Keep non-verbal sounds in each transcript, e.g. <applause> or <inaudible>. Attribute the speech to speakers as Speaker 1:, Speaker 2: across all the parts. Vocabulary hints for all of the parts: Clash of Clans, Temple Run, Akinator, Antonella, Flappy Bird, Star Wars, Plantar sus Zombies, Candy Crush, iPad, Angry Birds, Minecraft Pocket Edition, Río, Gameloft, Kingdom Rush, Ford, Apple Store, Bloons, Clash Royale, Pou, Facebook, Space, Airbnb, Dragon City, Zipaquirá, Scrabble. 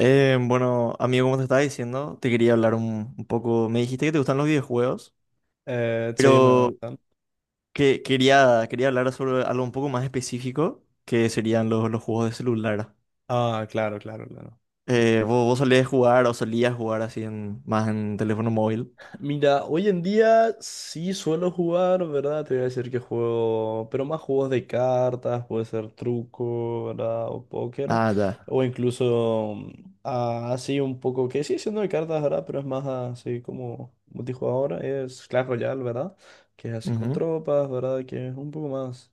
Speaker 1: Bueno, amigo, como te estaba diciendo, te quería hablar un poco. Me dijiste que te gustan los videojuegos,
Speaker 2: Sí, me
Speaker 1: pero
Speaker 2: gustan.
Speaker 1: que quería hablar sobre algo un poco más específico, que serían los juegos de celular.
Speaker 2: Ah, claro, claro, claro.
Speaker 1: ¿Vos solías jugar o solías jugar así más en teléfono móvil?
Speaker 2: Mira, hoy en día sí suelo jugar, ¿verdad? Te voy a decir que juego, pero más juegos de cartas, puede ser truco, ¿verdad? O póker,
Speaker 1: Ah, ya.
Speaker 2: o incluso así un poco, que sigue siendo de cartas, ¿verdad? Pero es más así como multijugador, es Clash Royale, ¿verdad? Que es así con
Speaker 1: Ujú.
Speaker 2: tropas, ¿verdad? Que es un poco más.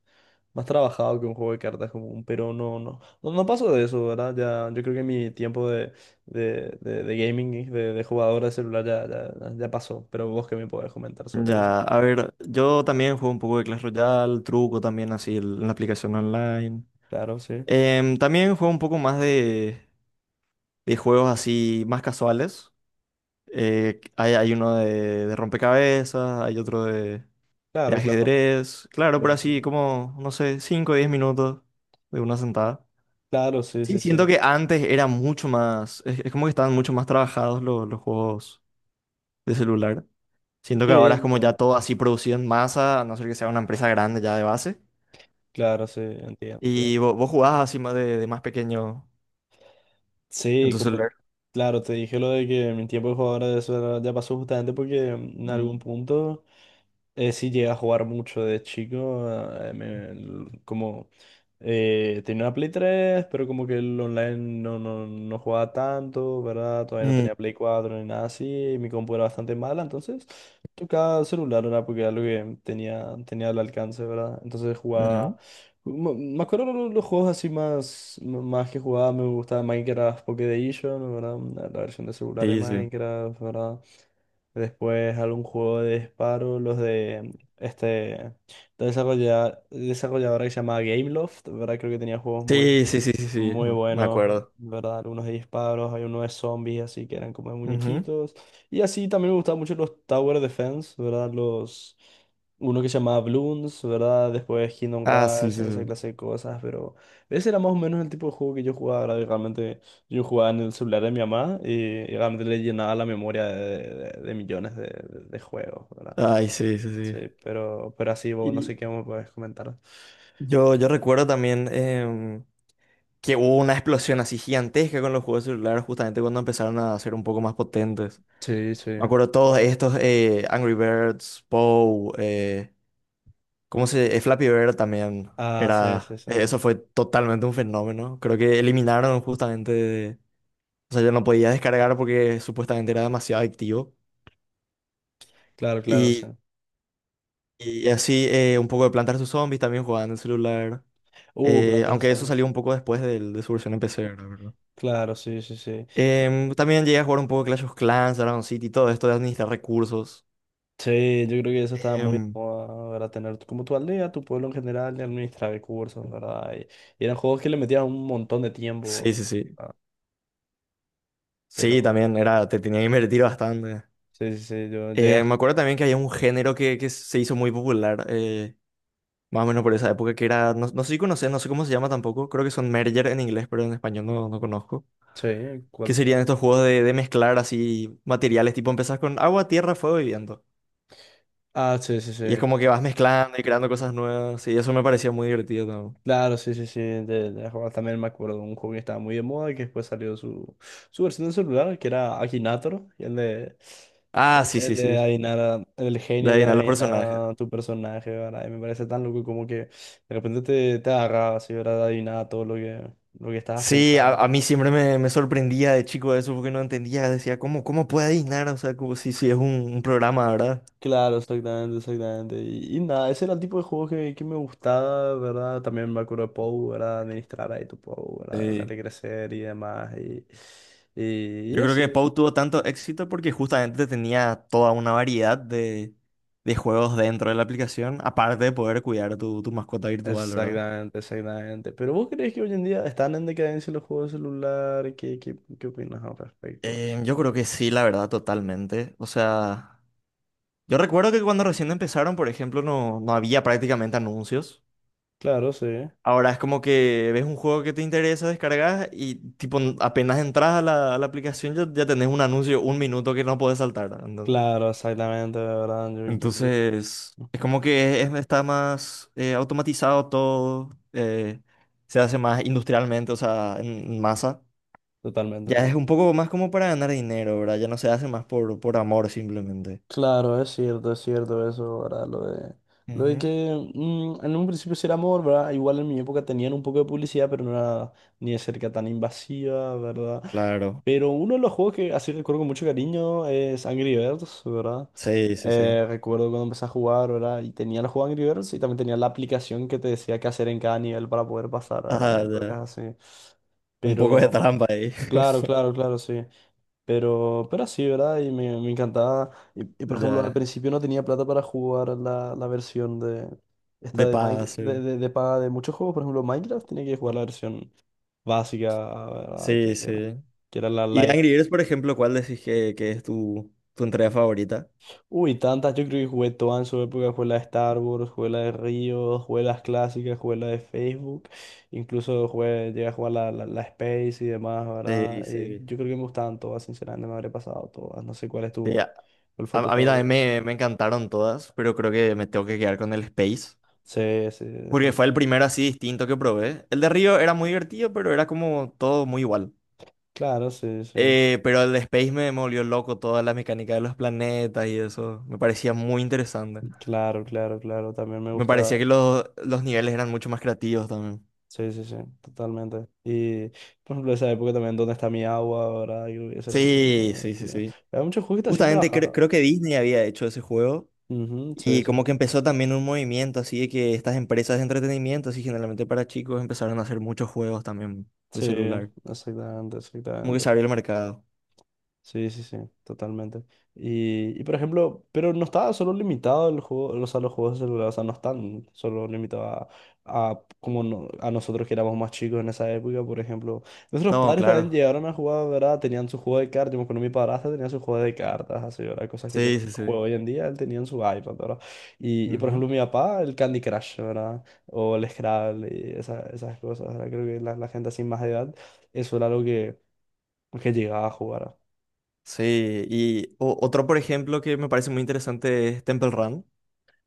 Speaker 2: Más trabajado que un juego de cartas común, pero no paso de eso, ¿verdad? Ya, yo creo que mi tiempo de gaming, y de jugador de celular ya, ya, ya pasó, pero vos que me podés comentar sobre eso.
Speaker 1: Ya, a ver, yo también juego un poco de Clash Royale, truco también así en la aplicación online.
Speaker 2: Claro, sí.
Speaker 1: También juego un poco más de juegos así más casuales. Hay uno de rompecabezas, hay otro de
Speaker 2: Claro, claro.
Speaker 1: ajedrez. Claro, pero
Speaker 2: Sí,
Speaker 1: así
Speaker 2: sí.
Speaker 1: como, no sé, 5 o 10 minutos de una sentada.
Speaker 2: Claro, sí,
Speaker 1: Sí,
Speaker 2: sí, sí.
Speaker 1: siento que antes era mucho más, es como que estaban mucho más trabajados los juegos de celular. Siento
Speaker 2: Sí,
Speaker 1: que ahora es como ya
Speaker 2: entiendo.
Speaker 1: todo así producido en masa, a no ser que sea una empresa grande ya de base.
Speaker 2: Claro, sí, entiendo, entiendo.
Speaker 1: Y vos jugabas así más de más pequeño en
Speaker 2: Sí,
Speaker 1: tu
Speaker 2: como,
Speaker 1: celular.
Speaker 2: claro, te dije lo de que mi tiempo de jugador de celular ya pasó justamente porque en algún
Speaker 1: Ujú.
Speaker 2: punto... Sí, llegué a jugar mucho de chico. Como tenía una Play 3, pero como que el online no jugaba tanto, ¿verdad? Todavía no
Speaker 1: Mm,
Speaker 2: tenía Play 4 ni nada así. Y mi compu era bastante mala, entonces tocaba celular, ¿verdad? Porque era lo que tenía, tenía al alcance, ¿verdad? Entonces
Speaker 1: ujú.
Speaker 2: jugaba. Me acuerdo los juegos así más, más que jugaba, me gustaba Minecraft Pocket Edition, ¿verdad? La versión de celular de
Speaker 1: Sí, sí.
Speaker 2: Minecraft, ¿verdad? Después algún juego de disparo, los de este de desarrolladora que se llama Gameloft, ¿verdad? Creo que tenía juegos
Speaker 1: Sí, sí, sí, sí, sí,
Speaker 2: muy
Speaker 1: me
Speaker 2: buenos,
Speaker 1: acuerdo.
Speaker 2: ¿verdad? Algunos de disparos, hay uno de zombies, así que eran como de
Speaker 1: Ujú.
Speaker 2: muñequitos. Y así también me gustaban mucho los Tower Defense, ¿verdad? Los... Uno que se llamaba Bloons, ¿verdad? Después Kingdom
Speaker 1: Ah, sí,
Speaker 2: Rush,
Speaker 1: sí,
Speaker 2: esa
Speaker 1: sí.
Speaker 2: clase de cosas, pero ese era más o menos el tipo de juego que yo jugaba, ¿verdad? Y realmente yo jugaba en el celular de mi mamá y realmente le llenaba la memoria de millones de juegos, ¿verdad?
Speaker 1: Ay, sí, sí,
Speaker 2: Sí,
Speaker 1: sí.
Speaker 2: pero así, vos no
Speaker 1: Y
Speaker 2: sé qué me puedes comentar.
Speaker 1: yo recuerdo también que hubo una explosión así gigantesca con los juegos celulares justamente cuando empezaron a ser un poco más potentes.
Speaker 2: Sí,
Speaker 1: Me
Speaker 2: sí.
Speaker 1: acuerdo todos estos, Angry Birds, Pou, ¿cómo se? Flappy Bird también
Speaker 2: Ah, sí, sí,
Speaker 1: era,
Speaker 2: sí.
Speaker 1: eso fue totalmente un fenómeno. Creo que eliminaron justamente, o sea, yo no podía descargar porque supuestamente era demasiado adictivo.
Speaker 2: Claro, claro, sí.
Speaker 1: Y, y así un poco de Plantar sus Zombies también jugaban en el celular.
Speaker 2: Plantas de
Speaker 1: Aunque eso
Speaker 2: salmas.
Speaker 1: salió un poco después de, su versión en PC, ¿verdad? ¿Verdad?
Speaker 2: Claro, sí, sí, sí. Eh,
Speaker 1: También llegué a jugar un poco Clash of Clans, Dragon City, todo esto de administrar recursos.
Speaker 2: sí, yo creo que eso estaba muy de
Speaker 1: Em,
Speaker 2: moda, ¿verdad? Tener tu- como tu aldea, tu pueblo en general, y administrar recursos, ¿verdad? Y eran juegos que le metías un montón de tiempo.
Speaker 1: sí, sí, sí.
Speaker 2: ¿Verdad? Pero,
Speaker 1: Sí, también era, te tenía que invertir bastante.
Speaker 2: sí, sí, sí, yo llegué a...
Speaker 1: Me acuerdo también que había un género que se hizo muy popular, más o menos por esa época, que era, no, no sé si conoces, no sé cómo se llama tampoco, creo que son merger en inglés, pero en español no, no conozco.
Speaker 2: Sí,
Speaker 1: Que
Speaker 2: ¿cuál?
Speaker 1: serían estos juegos de mezclar así materiales, tipo empezás con agua, tierra, fuego y viento.
Speaker 2: Ah, sí, sí,
Speaker 1: Y es
Speaker 2: sí.
Speaker 1: como que vas mezclando y creando cosas nuevas. Y eso me parecía muy divertido también.
Speaker 2: Claro, sí, sí, sí, de jugar también me acuerdo de un juego que estaba muy de moda y que después salió su, su versión de celular, que era Akinator, y el de,
Speaker 1: Ah, sí,
Speaker 2: el
Speaker 1: sí,
Speaker 2: de
Speaker 1: sí.
Speaker 2: adivinar, el
Speaker 1: De
Speaker 2: genio que
Speaker 1: adivinar los personajes.
Speaker 2: adivina tu personaje, ¿verdad? Y me parece tan loco como que de repente te, te agarraba así, ¿verdad? Adivinaba todo lo que estabas
Speaker 1: Sí, a,
Speaker 2: pensando.
Speaker 1: a mí siempre me sorprendía de chico eso porque no entendía. Decía, ¿cómo puede adivinar? O sea, como si es un programa, ¿verdad?
Speaker 2: Claro, exactamente, exactamente. Y nada, ese era el tipo de juego que me gustaba, ¿verdad? También me acuerdo de Pou, ¿verdad? Administrar ahí tu Pou, ¿verdad?
Speaker 1: Sí.
Speaker 2: Verle crecer y demás. Y
Speaker 1: Yo creo que
Speaker 2: así.
Speaker 1: Pou tuvo tanto éxito porque justamente tenía toda una variedad de juegos dentro de la aplicación, aparte de poder cuidar tu mascota virtual, ¿verdad?
Speaker 2: Exactamente, exactamente. ¿Pero vos crees que hoy en día están en decadencia los juegos de celular? ¿Qué, qué, qué opinas al respecto de
Speaker 1: Yo
Speaker 2: eso?
Speaker 1: creo que sí, la verdad, totalmente. O sea. Yo recuerdo que cuando recién empezaron, por ejemplo, no, no había prácticamente anuncios.
Speaker 2: Claro, sí.
Speaker 1: Ahora es como que ves un juego que te interesa, descargas y tipo apenas entras a la aplicación ya tenés un anuncio, un minuto que no podés saltar, ¿no?
Speaker 2: Claro, exactamente, de ¿verdad? Yo creo que...
Speaker 1: Entonces, es
Speaker 2: Ujú.
Speaker 1: como que está más automatizado todo, se hace más industrialmente, o sea, en masa.
Speaker 2: Totalmente.
Speaker 1: Ya
Speaker 2: To-
Speaker 1: es un poco más como para ganar dinero, ¿verdad? Ya no se hace más por amor simplemente.
Speaker 2: Claro, es cierto eso, ¿verdad? Lo de
Speaker 1: Ujú.
Speaker 2: que en un principio sí era amor, ¿verdad? Igual en mi época tenían un poco de publicidad, pero no era ni de cerca tan invasiva, ¿verdad?
Speaker 1: Claro,
Speaker 2: Pero uno de los juegos que así recuerdo con mucho cariño es Angry Birds, ¿verdad?
Speaker 1: sí, sí, sí.
Speaker 2: Recuerdo cuando empecé a jugar, ¿verdad? Y tenía el juego Angry Birds y también tenía la aplicación que te decía qué hacer en cada nivel para poder pasar, ¿verdad?
Speaker 1: Ajá,
Speaker 2: Entonces
Speaker 1: ya.
Speaker 2: así.
Speaker 1: Un poco de
Speaker 2: Pero,
Speaker 1: trampa ahí.
Speaker 2: claro,
Speaker 1: <laughs>
Speaker 2: claro, claro, sí. Pero así, ¿verdad? Y me encantaba. Y, por ejemplo, al
Speaker 1: Ya,
Speaker 2: principio no tenía plata para jugar la versión de...
Speaker 1: de
Speaker 2: Esta de,
Speaker 1: paga, sí.
Speaker 2: De paga de muchos juegos, por ejemplo, Minecraft, tenía que jugar la versión básica, ¿verdad?
Speaker 1: Sí,
Speaker 2: Que era,
Speaker 1: sí.
Speaker 2: que era la
Speaker 1: Y de
Speaker 2: light.
Speaker 1: Angry Birds, por ejemplo, ¿cuál decís que es tu entrega favorita?
Speaker 2: Uy, tantas, yo creo que jugué todas en su época, jugué la de Star Wars, jugué la de Río, jugué las clásicas, jugué la de Facebook, incluso jugué, llegué a jugar la Space y demás,
Speaker 1: Sí,
Speaker 2: ¿verdad? Y
Speaker 1: sí.
Speaker 2: yo creo que me gustaban todas, sinceramente, me habré pasado todas, no sé cuál es
Speaker 1: Sí,
Speaker 2: tu,
Speaker 1: a,
Speaker 2: cuál fue tu
Speaker 1: a- a mí también
Speaker 2: favorito.
Speaker 1: me encantaron todas, pero creo que me tengo que quedar con el Space.
Speaker 2: Sí, sí,
Speaker 1: Porque fue el
Speaker 2: definitivamente.
Speaker 1: primero así distinto que probé. El de Río era muy divertido, pero era como todo muy igual.
Speaker 2: Claro, sí, sí.
Speaker 1: Pero el de Space me volvió loco, toda la mecánica de los planetas y eso. Me parecía muy interesante.
Speaker 2: Claro, claro, claro, también me
Speaker 1: Me
Speaker 2: gusta,
Speaker 1: parecía que los niveles eran mucho más creativos también.
Speaker 2: sí, sí, sí, totalmente. Y, por ejemplo, esa época también, ¿dónde está mi agua, ¿verdad? Yo creo que eso era muy
Speaker 1: Sí, sí, sí,
Speaker 2: divertido.
Speaker 1: sí.
Speaker 2: Había muchos juegos que te hacían
Speaker 1: Justamente
Speaker 2: trabajar,
Speaker 1: cre-
Speaker 2: ¿no?
Speaker 1: creo que Disney había hecho ese juego
Speaker 2: Ujú, sí,
Speaker 1: y
Speaker 2: sí.
Speaker 1: como que
Speaker 2: Sí.
Speaker 1: empezó también un movimiento así de que estas empresas de entretenimiento, así generalmente para chicos, empezaron a hacer muchos juegos también de
Speaker 2: Sí,
Speaker 1: celular.
Speaker 2: exactamente,
Speaker 1: Como que se
Speaker 2: exactamente.
Speaker 1: abrió el mercado.
Speaker 2: Sí, sí, sí, totalmente. Y por ejemplo, pero no está solo limitado el juego, los sea, los juegos de celular, o sea, no están solo limitados a como no- a nosotros que éramos más chicos en esa época, por ejemplo. Nuestros
Speaker 1: No,
Speaker 2: padres también
Speaker 1: claro.
Speaker 2: llegaron a jugar, ¿verdad? Tenían su juego de cartas, yo me acuerdo mi padrastro tenía su juego de cartas, así, ¿verdad? Cosas que
Speaker 1: Sí,
Speaker 2: yo
Speaker 1: sí, sí.
Speaker 2: juego hoy en día, él tenía en su iPad, ¿verdad? Y por
Speaker 1: Ujú.
Speaker 2: ejemplo, mi papá, el Candy Crush, ¿verdad? O el Scrabble, y esas cosas, ¿verdad? Creo que la gente así más de edad, eso era algo que llegaba a jugar.
Speaker 1: Sí, y otro, por ejemplo, que me parece muy interesante es Temple Run,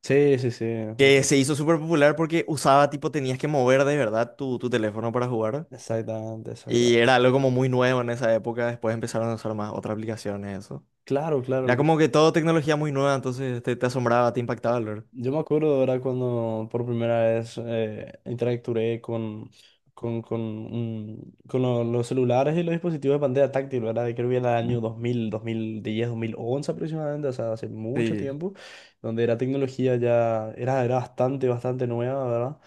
Speaker 2: Sí, sí, sí,
Speaker 1: que se hizo súper popular porque usaba, tipo, tenías que mover de verdad tu teléfono para jugar.
Speaker 2: exactamente,
Speaker 1: Y
Speaker 2: exactamente.
Speaker 1: era algo como muy nuevo en esa época, después empezaron a usar más otras aplicaciones, eso.
Speaker 2: Claro, claro.
Speaker 1: Era como que todo tecnología muy nueva, entonces te asombraba, te impactaba, ¿verdad?
Speaker 2: Yo me acuerdo ahora cuando por primera vez interactué con los celulares y los dispositivos de pantalla táctil, ¿verdad? Creo que era el
Speaker 1: Mm.
Speaker 2: año 2000, 2010, 2011 aproximadamente, o sea, hace mucho
Speaker 1: Sí.
Speaker 2: tiempo, donde la tecnología ya era, era bastante, bastante nueva, ¿verdad?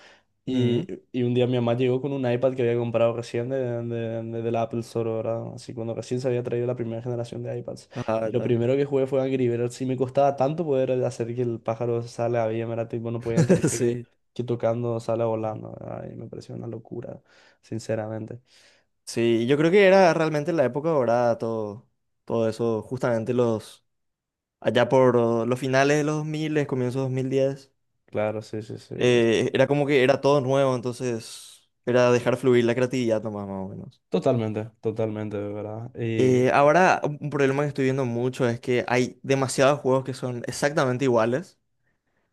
Speaker 2: Y,
Speaker 1: Ujú.
Speaker 2: y un día mi mamá llegó con un iPad que había comprado recién del Apple Store, ¿verdad? Así cuando recién se había traído la primera generación de iPads.
Speaker 1: Ajá,
Speaker 2: Y lo
Speaker 1: ¿verdad?
Speaker 2: primero que jugué fue Angry Birds y me costaba tanto poder hacer que el pájaro salga bien, ¿verdad? Tipo, no podía entender
Speaker 1: <laughs> Sí.
Speaker 2: que tocando sale volando, ¿verdad? Y me pareció una locura, sinceramente.
Speaker 1: Sí, yo creo que era realmente la época dorada, todo eso, justamente allá por los finales de los 2000, comienzos 2010,
Speaker 2: Claro, sí, sí, sí. Es-
Speaker 1: era como que era todo nuevo, entonces era dejar fluir la creatividad nomás, más o menos.
Speaker 2: totalmente, totalmente, ¿verdad? Y
Speaker 1: Ahora, un problema que estoy viendo mucho es que hay demasiados juegos que son exactamente iguales.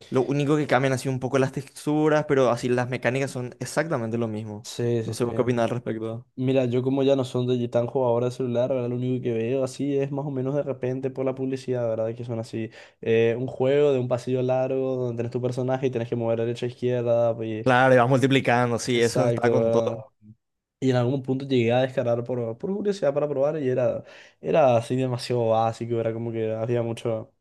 Speaker 1: Lo único que cambian así un poco las texturas, pero así las mecánicas son exactamente lo mismo.
Speaker 2: sí,
Speaker 1: No
Speaker 2: sí, sí.
Speaker 1: sé vos qué opinas al respecto.
Speaker 2: Mira, yo como ya no son de tan jugador de celular, ¿verdad? Lo único que veo así es más o menos de repente por la publicidad, ¿verdad? Que son así, un juego de un pasillo largo donde tenés tu personaje y tenés que mover derecha a izquierda, pues,
Speaker 1: Claro, y vas multiplicando, sí, eso está
Speaker 2: exacto,
Speaker 1: con
Speaker 2: ¿verdad?
Speaker 1: todo.
Speaker 2: Y en algún punto llegué a descargar por curiosidad para probar y era, era así demasiado básico, era como que había mucho,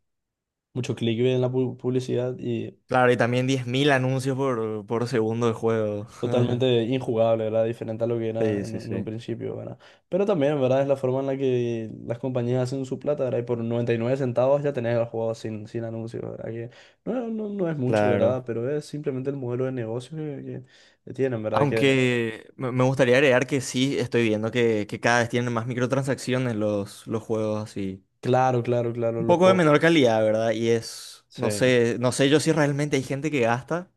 Speaker 2: mucho clickbait en la publicidad y
Speaker 1: Claro, y también 10.000 anuncios por segundo de juego. <laughs>
Speaker 2: totalmente injugable, ¿verdad? Diferente a lo que era
Speaker 1: Sí, sí,
Speaker 2: en un
Speaker 1: sí,
Speaker 2: principio, ¿verdad? Pero también, ¿verdad? Es la forma en la que las compañías hacen su plata, ¿verdad? Y por 99 centavos ya tenés el juego sin, sin anuncios, ¿verdad? Que no es mucho, ¿verdad?
Speaker 1: claro.
Speaker 2: Pero es simplemente el modelo de negocio que, que tienen, ¿verdad? Que,
Speaker 1: Aunque me gustaría agregar que sí, estoy viendo que cada vez tienen más microtransacciones los juegos así.
Speaker 2: claro, claro, claro,
Speaker 1: Un
Speaker 2: los
Speaker 1: poco de
Speaker 2: juegos.
Speaker 1: menor calidad, ¿verdad? Y es,
Speaker 2: Sí,
Speaker 1: no sé, yo si realmente hay gente que gasta.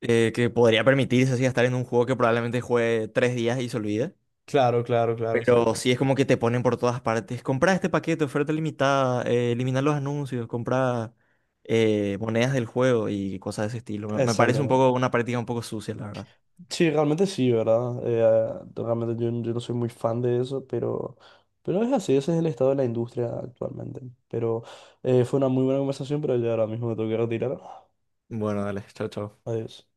Speaker 1: Que podría permitirse así estar en un juego que probablemente juegue 3 días y se olvide.
Speaker 2: claro, claro, claro,
Speaker 1: Pero sí es como que te ponen por todas partes. Comprar este paquete, oferta limitada, eliminar los anuncios, comprar monedas del juego y cosas de ese estilo. Me parece un
Speaker 2: exactamente.
Speaker 1: poco una práctica un poco sucia, la verdad.
Speaker 2: Sí, realmente sí, ¿verdad? Realmente yo, yo no soy muy fan de eso, pero es así, ese es el estado de la industria actualmente. Pero fue una muy buena conversación, pero ya ahora mismo me tengo que retirar.
Speaker 1: Bueno, dale, chao, chao.
Speaker 2: Adiós.